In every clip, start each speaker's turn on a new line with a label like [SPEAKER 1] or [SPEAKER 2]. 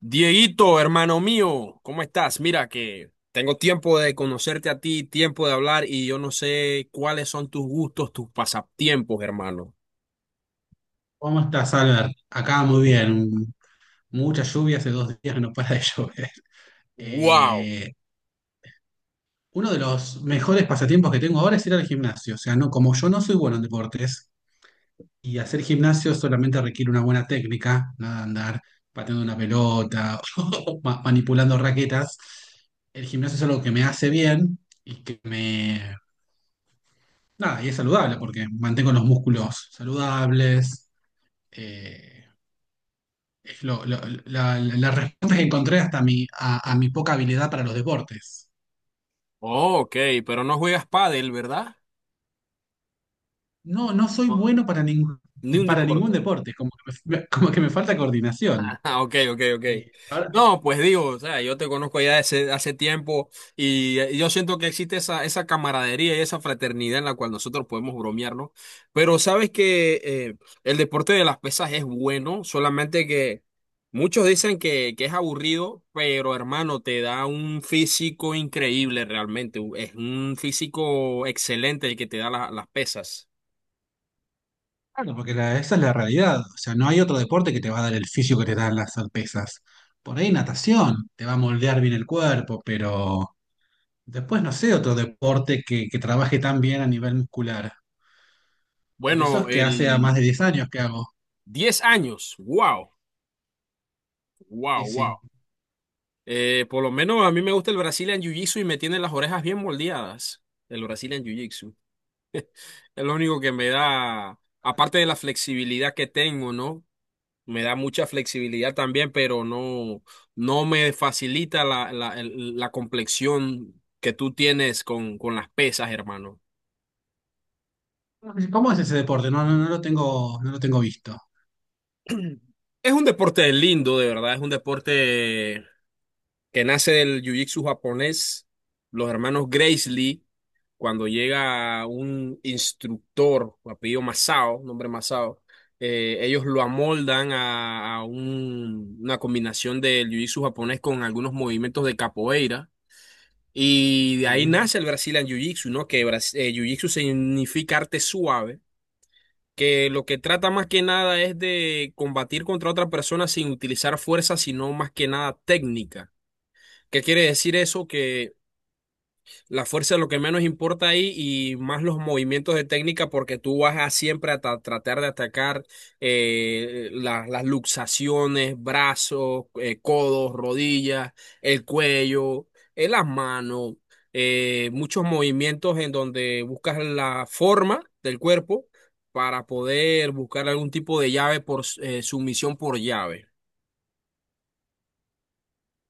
[SPEAKER 1] Dieguito, hermano mío, ¿cómo estás? Mira que tengo tiempo de conocerte a ti, tiempo de hablar y yo no sé cuáles son tus gustos, tus pasatiempos, hermano.
[SPEAKER 2] ¿Cómo estás, Albert? Acá muy bien. Mucha lluvia, hace 2 días que no para de llover.
[SPEAKER 1] Wow.
[SPEAKER 2] Eh, Uno de los mejores pasatiempos que tengo ahora es ir al gimnasio. O sea, no, como yo no soy bueno en deportes y hacer gimnasio solamente requiere una buena técnica, nada de andar pateando una pelota o manipulando raquetas. El gimnasio es algo que me hace bien y que me... Nada, y es saludable porque mantengo los músculos saludables. eh, lo- lo- la respuesta que encontré hasta mi, a mi poca habilidad para los deportes.
[SPEAKER 1] Oh, ok, pero no juegas pádel, ¿verdad?
[SPEAKER 2] No, no soy
[SPEAKER 1] No.
[SPEAKER 2] bueno para ningún,
[SPEAKER 1] Ni un
[SPEAKER 2] para ningún
[SPEAKER 1] deporte.
[SPEAKER 2] deporte, como que me, como que me falta coordinación.
[SPEAKER 1] Ah, ok, ok, ok.
[SPEAKER 2] Eh, ahora-
[SPEAKER 1] No, pues digo, o sea, yo te conozco ya hace tiempo y, yo siento que existe esa camaradería y esa fraternidad en la cual nosotros podemos bromearnos. Pero sabes que el deporte de las pesas es bueno, solamente que muchos dicen que es aburrido, pero hermano, te da un físico increíble realmente. Es un físico excelente el que te da las pesas.
[SPEAKER 2] claro, porque esa es la realidad. O sea, no hay otro deporte que te va a dar el fisio que te dan las pesas. Por ahí natación, te va a moldear bien el cuerpo, pero después no sé otro deporte que trabaje tan bien a nivel muscular. Por eso es
[SPEAKER 1] Bueno,
[SPEAKER 2] que hace a más
[SPEAKER 1] el
[SPEAKER 2] de 10 años que hago.
[SPEAKER 1] 10 años, wow,
[SPEAKER 2] Sí,
[SPEAKER 1] wow, wow.
[SPEAKER 2] sí.
[SPEAKER 1] Por lo menos a mí me gusta el Brazilian Jiu-Jitsu y me tiene las orejas bien moldeadas. El Brazilian Jiu-Jitsu. Es lo único que me da, aparte de la flexibilidad que tengo, ¿no? Me da mucha flexibilidad también, pero no, no me facilita la complexión que tú tienes con las pesas, hermano.
[SPEAKER 2] ¿Cómo es ese deporte? No, no lo tengo, no lo tengo visto.
[SPEAKER 1] Es un deporte lindo, de verdad. Es un deporte que nace del Jiu-Jitsu japonés. Los hermanos Gracie Lee, cuando llega un instructor, apellido Masao, nombre Masao, ellos lo amoldan a una combinación del jiu-jitsu japonés con algunos movimientos de capoeira. Y de ahí
[SPEAKER 2] Sí.
[SPEAKER 1] nace el Brazilian Jiu-Jitsu, ¿no? Que Jiu-Jitsu significa arte suave, que lo que trata más que nada es de combatir contra otra persona sin utilizar fuerza, sino más que nada técnica. ¿Qué quiere decir eso? Que la fuerza es lo que menos importa ahí y más los movimientos de técnica porque tú vas a siempre a tratar de atacar las luxaciones, brazos, codos, rodillas, el cuello, las manos, muchos movimientos en donde buscas la forma del cuerpo para poder buscar algún tipo de llave por sumisión por llave.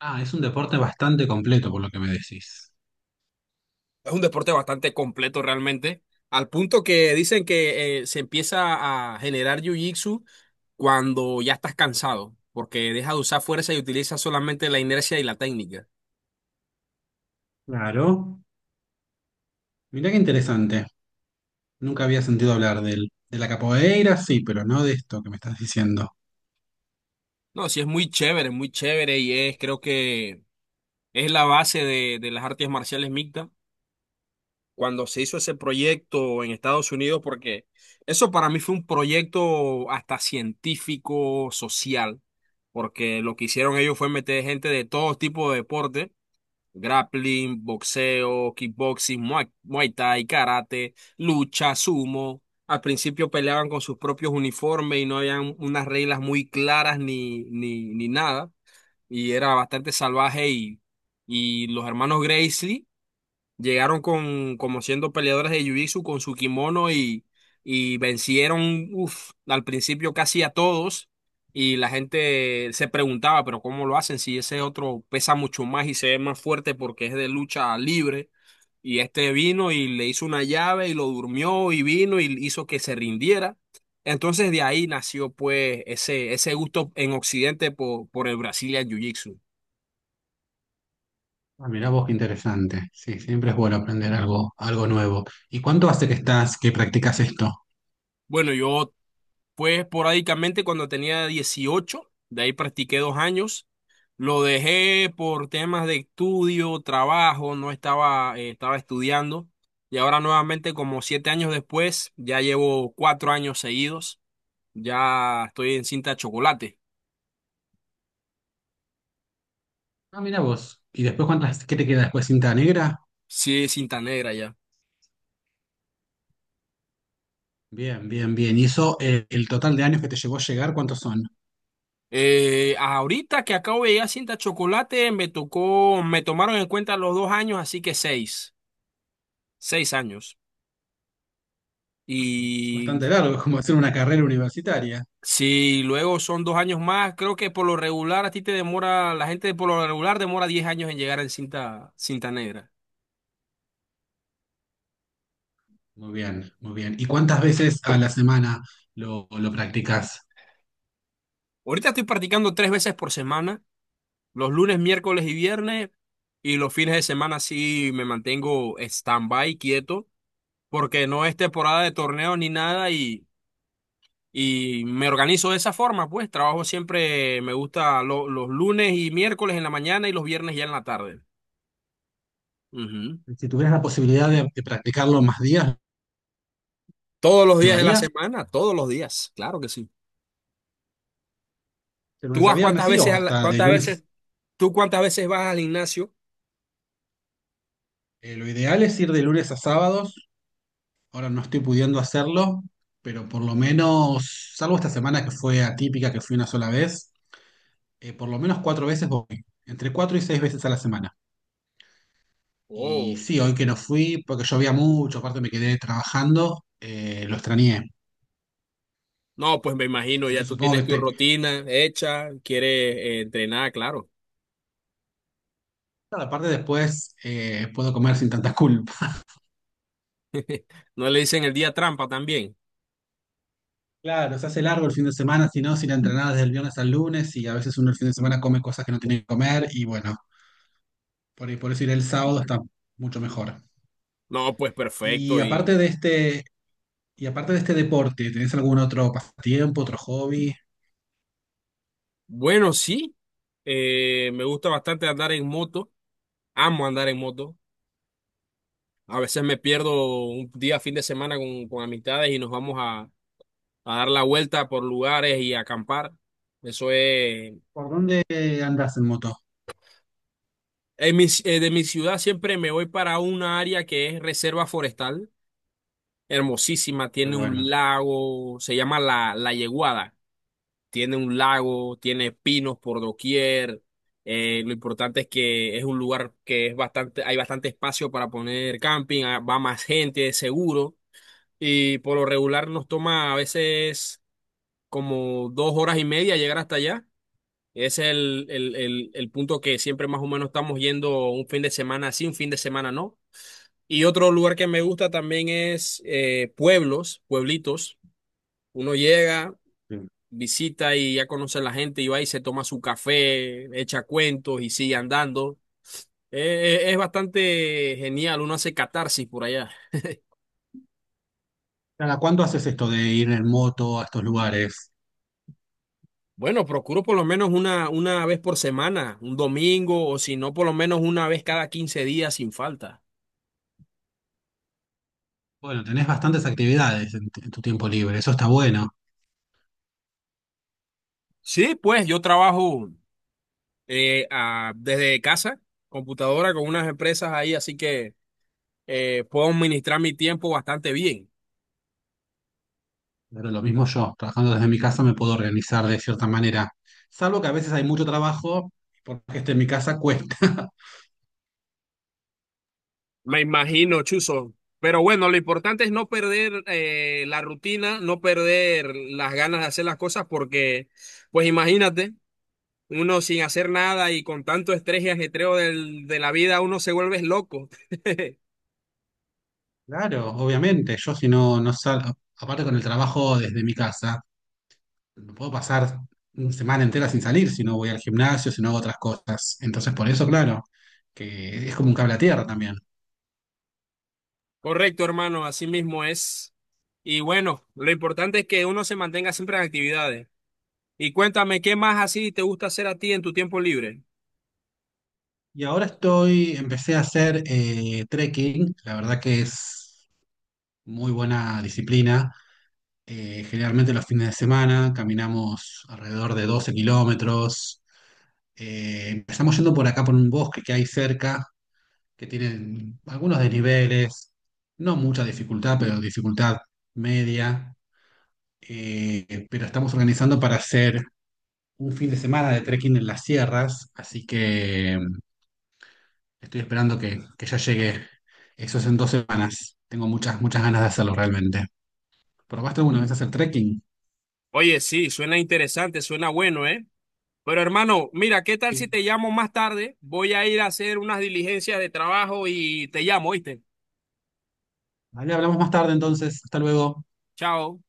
[SPEAKER 2] Ah, es un deporte bastante completo por lo que me decís.
[SPEAKER 1] Es un deporte bastante completo realmente, al punto que dicen que se empieza a generar jiu-jitsu cuando ya estás cansado, porque deja de usar fuerza y utiliza solamente la inercia y la técnica.
[SPEAKER 2] Claro. Mirá qué interesante. Nunca había sentido hablar del, de la capoeira, sí, pero no de esto que me estás diciendo.
[SPEAKER 1] No, sí es muy chévere y es, creo que es la base de las artes marciales mixtas. Cuando se hizo ese proyecto en Estados Unidos, porque eso para mí fue un proyecto hasta científico, social, porque lo que hicieron ellos fue meter gente de todo tipo de deportes. Grappling, boxeo, kickboxing, muay thai, karate, lucha, sumo. Al principio peleaban con sus propios uniformes y no habían unas reglas muy claras ni nada. Y era bastante salvaje y los hermanos Gracie llegaron con, como siendo peleadores de Jiu-Jitsu con su kimono y vencieron, uf, al principio casi a todos. Y la gente se preguntaba, pero ¿cómo lo hacen? Si ese otro pesa mucho más y se ve más fuerte porque es de lucha libre. Y este vino y le hizo una llave y lo durmió y vino y hizo que se rindiera. Entonces de ahí nació pues ese gusto en Occidente por el Brazilian Jiu-Jitsu.
[SPEAKER 2] Ah, mirá vos qué interesante. Sí, siempre es bueno aprender algo, algo nuevo. ¿Y cuánto hace que estás, que practicas esto?
[SPEAKER 1] Bueno, yo fue esporádicamente cuando tenía 18, de ahí practiqué 2 años. Lo dejé por temas de estudio, trabajo, no estaba, estaba estudiando. Y ahora nuevamente, como 7 años después, ya llevo 4 años seguidos. Ya estoy en cinta chocolate.
[SPEAKER 2] Ah, mirá vos. ¿Y después cuántas, qué te queda después? ¿Cinta negra?
[SPEAKER 1] Sí, cinta negra ya.
[SPEAKER 2] Bien, bien, bien. ¿Y eso, el total de años que te llevó a llegar, cuántos son?
[SPEAKER 1] Ahorita que acabo de llegar a cinta chocolate, me tocó, me tomaron en cuenta los 2 años, así que seis años.
[SPEAKER 2] Es
[SPEAKER 1] Y
[SPEAKER 2] bastante largo, es como hacer una carrera universitaria.
[SPEAKER 1] si luego son 2 años más, creo que por lo regular a ti te demora, la gente por lo regular demora 10 años en llegar en cinta negra.
[SPEAKER 2] Muy bien, muy bien. ¿Y cuántas veces a la semana lo practicas?
[SPEAKER 1] Ahorita estoy practicando 3 veces por semana, los lunes, miércoles y viernes, y los fines de semana sí me mantengo stand-by, quieto, porque no es temporada de torneo ni nada y me organizo de esa forma, pues trabajo siempre, me gusta los lunes y miércoles en la mañana y los viernes ya en la tarde. Ujú.
[SPEAKER 2] Si tuvieras la posibilidad de practicarlo más días,
[SPEAKER 1] Todos los
[SPEAKER 2] ¿lo
[SPEAKER 1] días de la
[SPEAKER 2] harías?
[SPEAKER 1] semana, todos los días, claro que sí.
[SPEAKER 2] ¿De
[SPEAKER 1] ¿Tú
[SPEAKER 2] lunes a
[SPEAKER 1] vas
[SPEAKER 2] viernes,
[SPEAKER 1] cuántas
[SPEAKER 2] sí? ¿O
[SPEAKER 1] veces a la-
[SPEAKER 2] hasta de
[SPEAKER 1] cuántas veces,
[SPEAKER 2] lunes?
[SPEAKER 1] tú cuántas veces vas al gimnasio?
[SPEAKER 2] Lo ideal es ir de lunes a sábados. Ahora no estoy pudiendo hacerlo, pero por lo menos, salvo esta semana que fue atípica, que fui una sola vez, por lo menos 4 veces voy. Entre 4 y 6 veces a la semana. Y
[SPEAKER 1] Oh,
[SPEAKER 2] sí, hoy que no fui, porque llovía mucho, aparte me quedé trabajando, lo extrañé.
[SPEAKER 1] no, pues me imagino,
[SPEAKER 2] Así
[SPEAKER 1] ya
[SPEAKER 2] que
[SPEAKER 1] tú
[SPEAKER 2] supongo
[SPEAKER 1] tienes
[SPEAKER 2] que,
[SPEAKER 1] tu
[SPEAKER 2] te-
[SPEAKER 1] rutina hecha, quieres entrenar, claro.
[SPEAKER 2] Claro, aparte después puedo comer sin tanta culpa.
[SPEAKER 1] ¿No le dicen el día trampa también?
[SPEAKER 2] Claro, se hace largo el fin de semana, si no, si la entrenada desde el viernes al lunes y a veces uno el fin de semana come cosas que no tiene que comer y bueno, por eso ir el sábado está mucho mejor.
[SPEAKER 1] No, pues
[SPEAKER 2] Y
[SPEAKER 1] perfecto. Y
[SPEAKER 2] aparte de este, y aparte de este deporte, ¿tenés algún otro pasatiempo, otro hobby?
[SPEAKER 1] bueno, sí, me gusta bastante andar en moto, amo andar en moto. A veces me pierdo un día, fin de semana con amistades y nos vamos a dar la vuelta por lugares y a acampar. Eso es.
[SPEAKER 2] ¿Por dónde andás en moto?
[SPEAKER 1] De mi ciudad siempre me voy para una área que es reserva forestal, hermosísima,
[SPEAKER 2] Qué
[SPEAKER 1] tiene un
[SPEAKER 2] bueno.
[SPEAKER 1] lago, se llama La Yeguada, tiene un lago, tiene pinos por doquier, lo importante es que es un lugar que es bastante, hay bastante espacio para poner camping, ah, va más gente, es seguro, y por lo regular nos toma a veces como 2 horas y media llegar hasta allá. Ese es el punto que siempre más o menos estamos yendo un fin de semana sí, un fin de semana no. Y otro lugar que me gusta también es pueblos, pueblitos. Uno llega,
[SPEAKER 2] Sí.
[SPEAKER 1] visita y ya conoce a la gente y va y se toma su café, echa cuentos y sigue andando. Es bastante genial, uno hace catarsis por allá.
[SPEAKER 2] ¿Cada cuándo haces esto de ir en moto a estos lugares?
[SPEAKER 1] Bueno, procuro por lo menos una vez por semana, un domingo o si no, por lo menos una vez cada 15 días sin falta.
[SPEAKER 2] Bueno, tenés bastantes actividades en tu tiempo libre, eso está bueno.
[SPEAKER 1] Sí, pues yo trabajo desde casa, computadora con unas empresas ahí, así que... puedo administrar mi tiempo bastante bien.
[SPEAKER 2] Pero lo mismo yo, trabajando desde mi casa me puedo organizar de cierta manera. Salvo que a veces hay mucho trabajo, porque esté en mi casa cuesta.
[SPEAKER 1] Me imagino, Chuzo. Pero bueno, lo importante es no perder la rutina, no perder las ganas de hacer las cosas, porque, pues imagínate, uno sin hacer nada y con tanto estrés y ajetreo de la vida, uno se vuelve loco.
[SPEAKER 2] Claro, obviamente, yo si no, no salgo, aparte con el trabajo desde mi casa, no puedo pasar una semana entera sin salir si no voy al gimnasio, si no hago otras cosas. Entonces, por eso, claro, que es como un cable a tierra también.
[SPEAKER 1] Correcto, hermano, así mismo es. Y bueno, lo importante es que uno se mantenga siempre en actividades. Y cuéntame, ¿qué más así te gusta hacer a ti en tu tiempo libre?
[SPEAKER 2] Y ahora estoy, empecé a hacer trekking, la verdad que es muy buena disciplina. Generalmente los fines de semana caminamos alrededor de 12 kilómetros. Empezamos yendo por acá, por un bosque que hay cerca, que tiene algunos desniveles, no mucha dificultad, pero dificultad media. Pero estamos organizando para hacer un fin de semana de trekking en las sierras, así que estoy esperando que ya llegue. Eso es en 2 semanas. Tengo muchas, muchas ganas de hacerlo realmente. ¿Probaste alguna vez hacer trekking?
[SPEAKER 1] Oye, sí, suena interesante, suena bueno, ¿eh? Pero hermano, mira, ¿qué tal
[SPEAKER 2] Sí.
[SPEAKER 1] si te llamo más tarde? Voy a ir a hacer unas diligencias de trabajo y te llamo, ¿oíste?
[SPEAKER 2] Vale, hablamos más tarde entonces. Hasta luego.
[SPEAKER 1] Chao.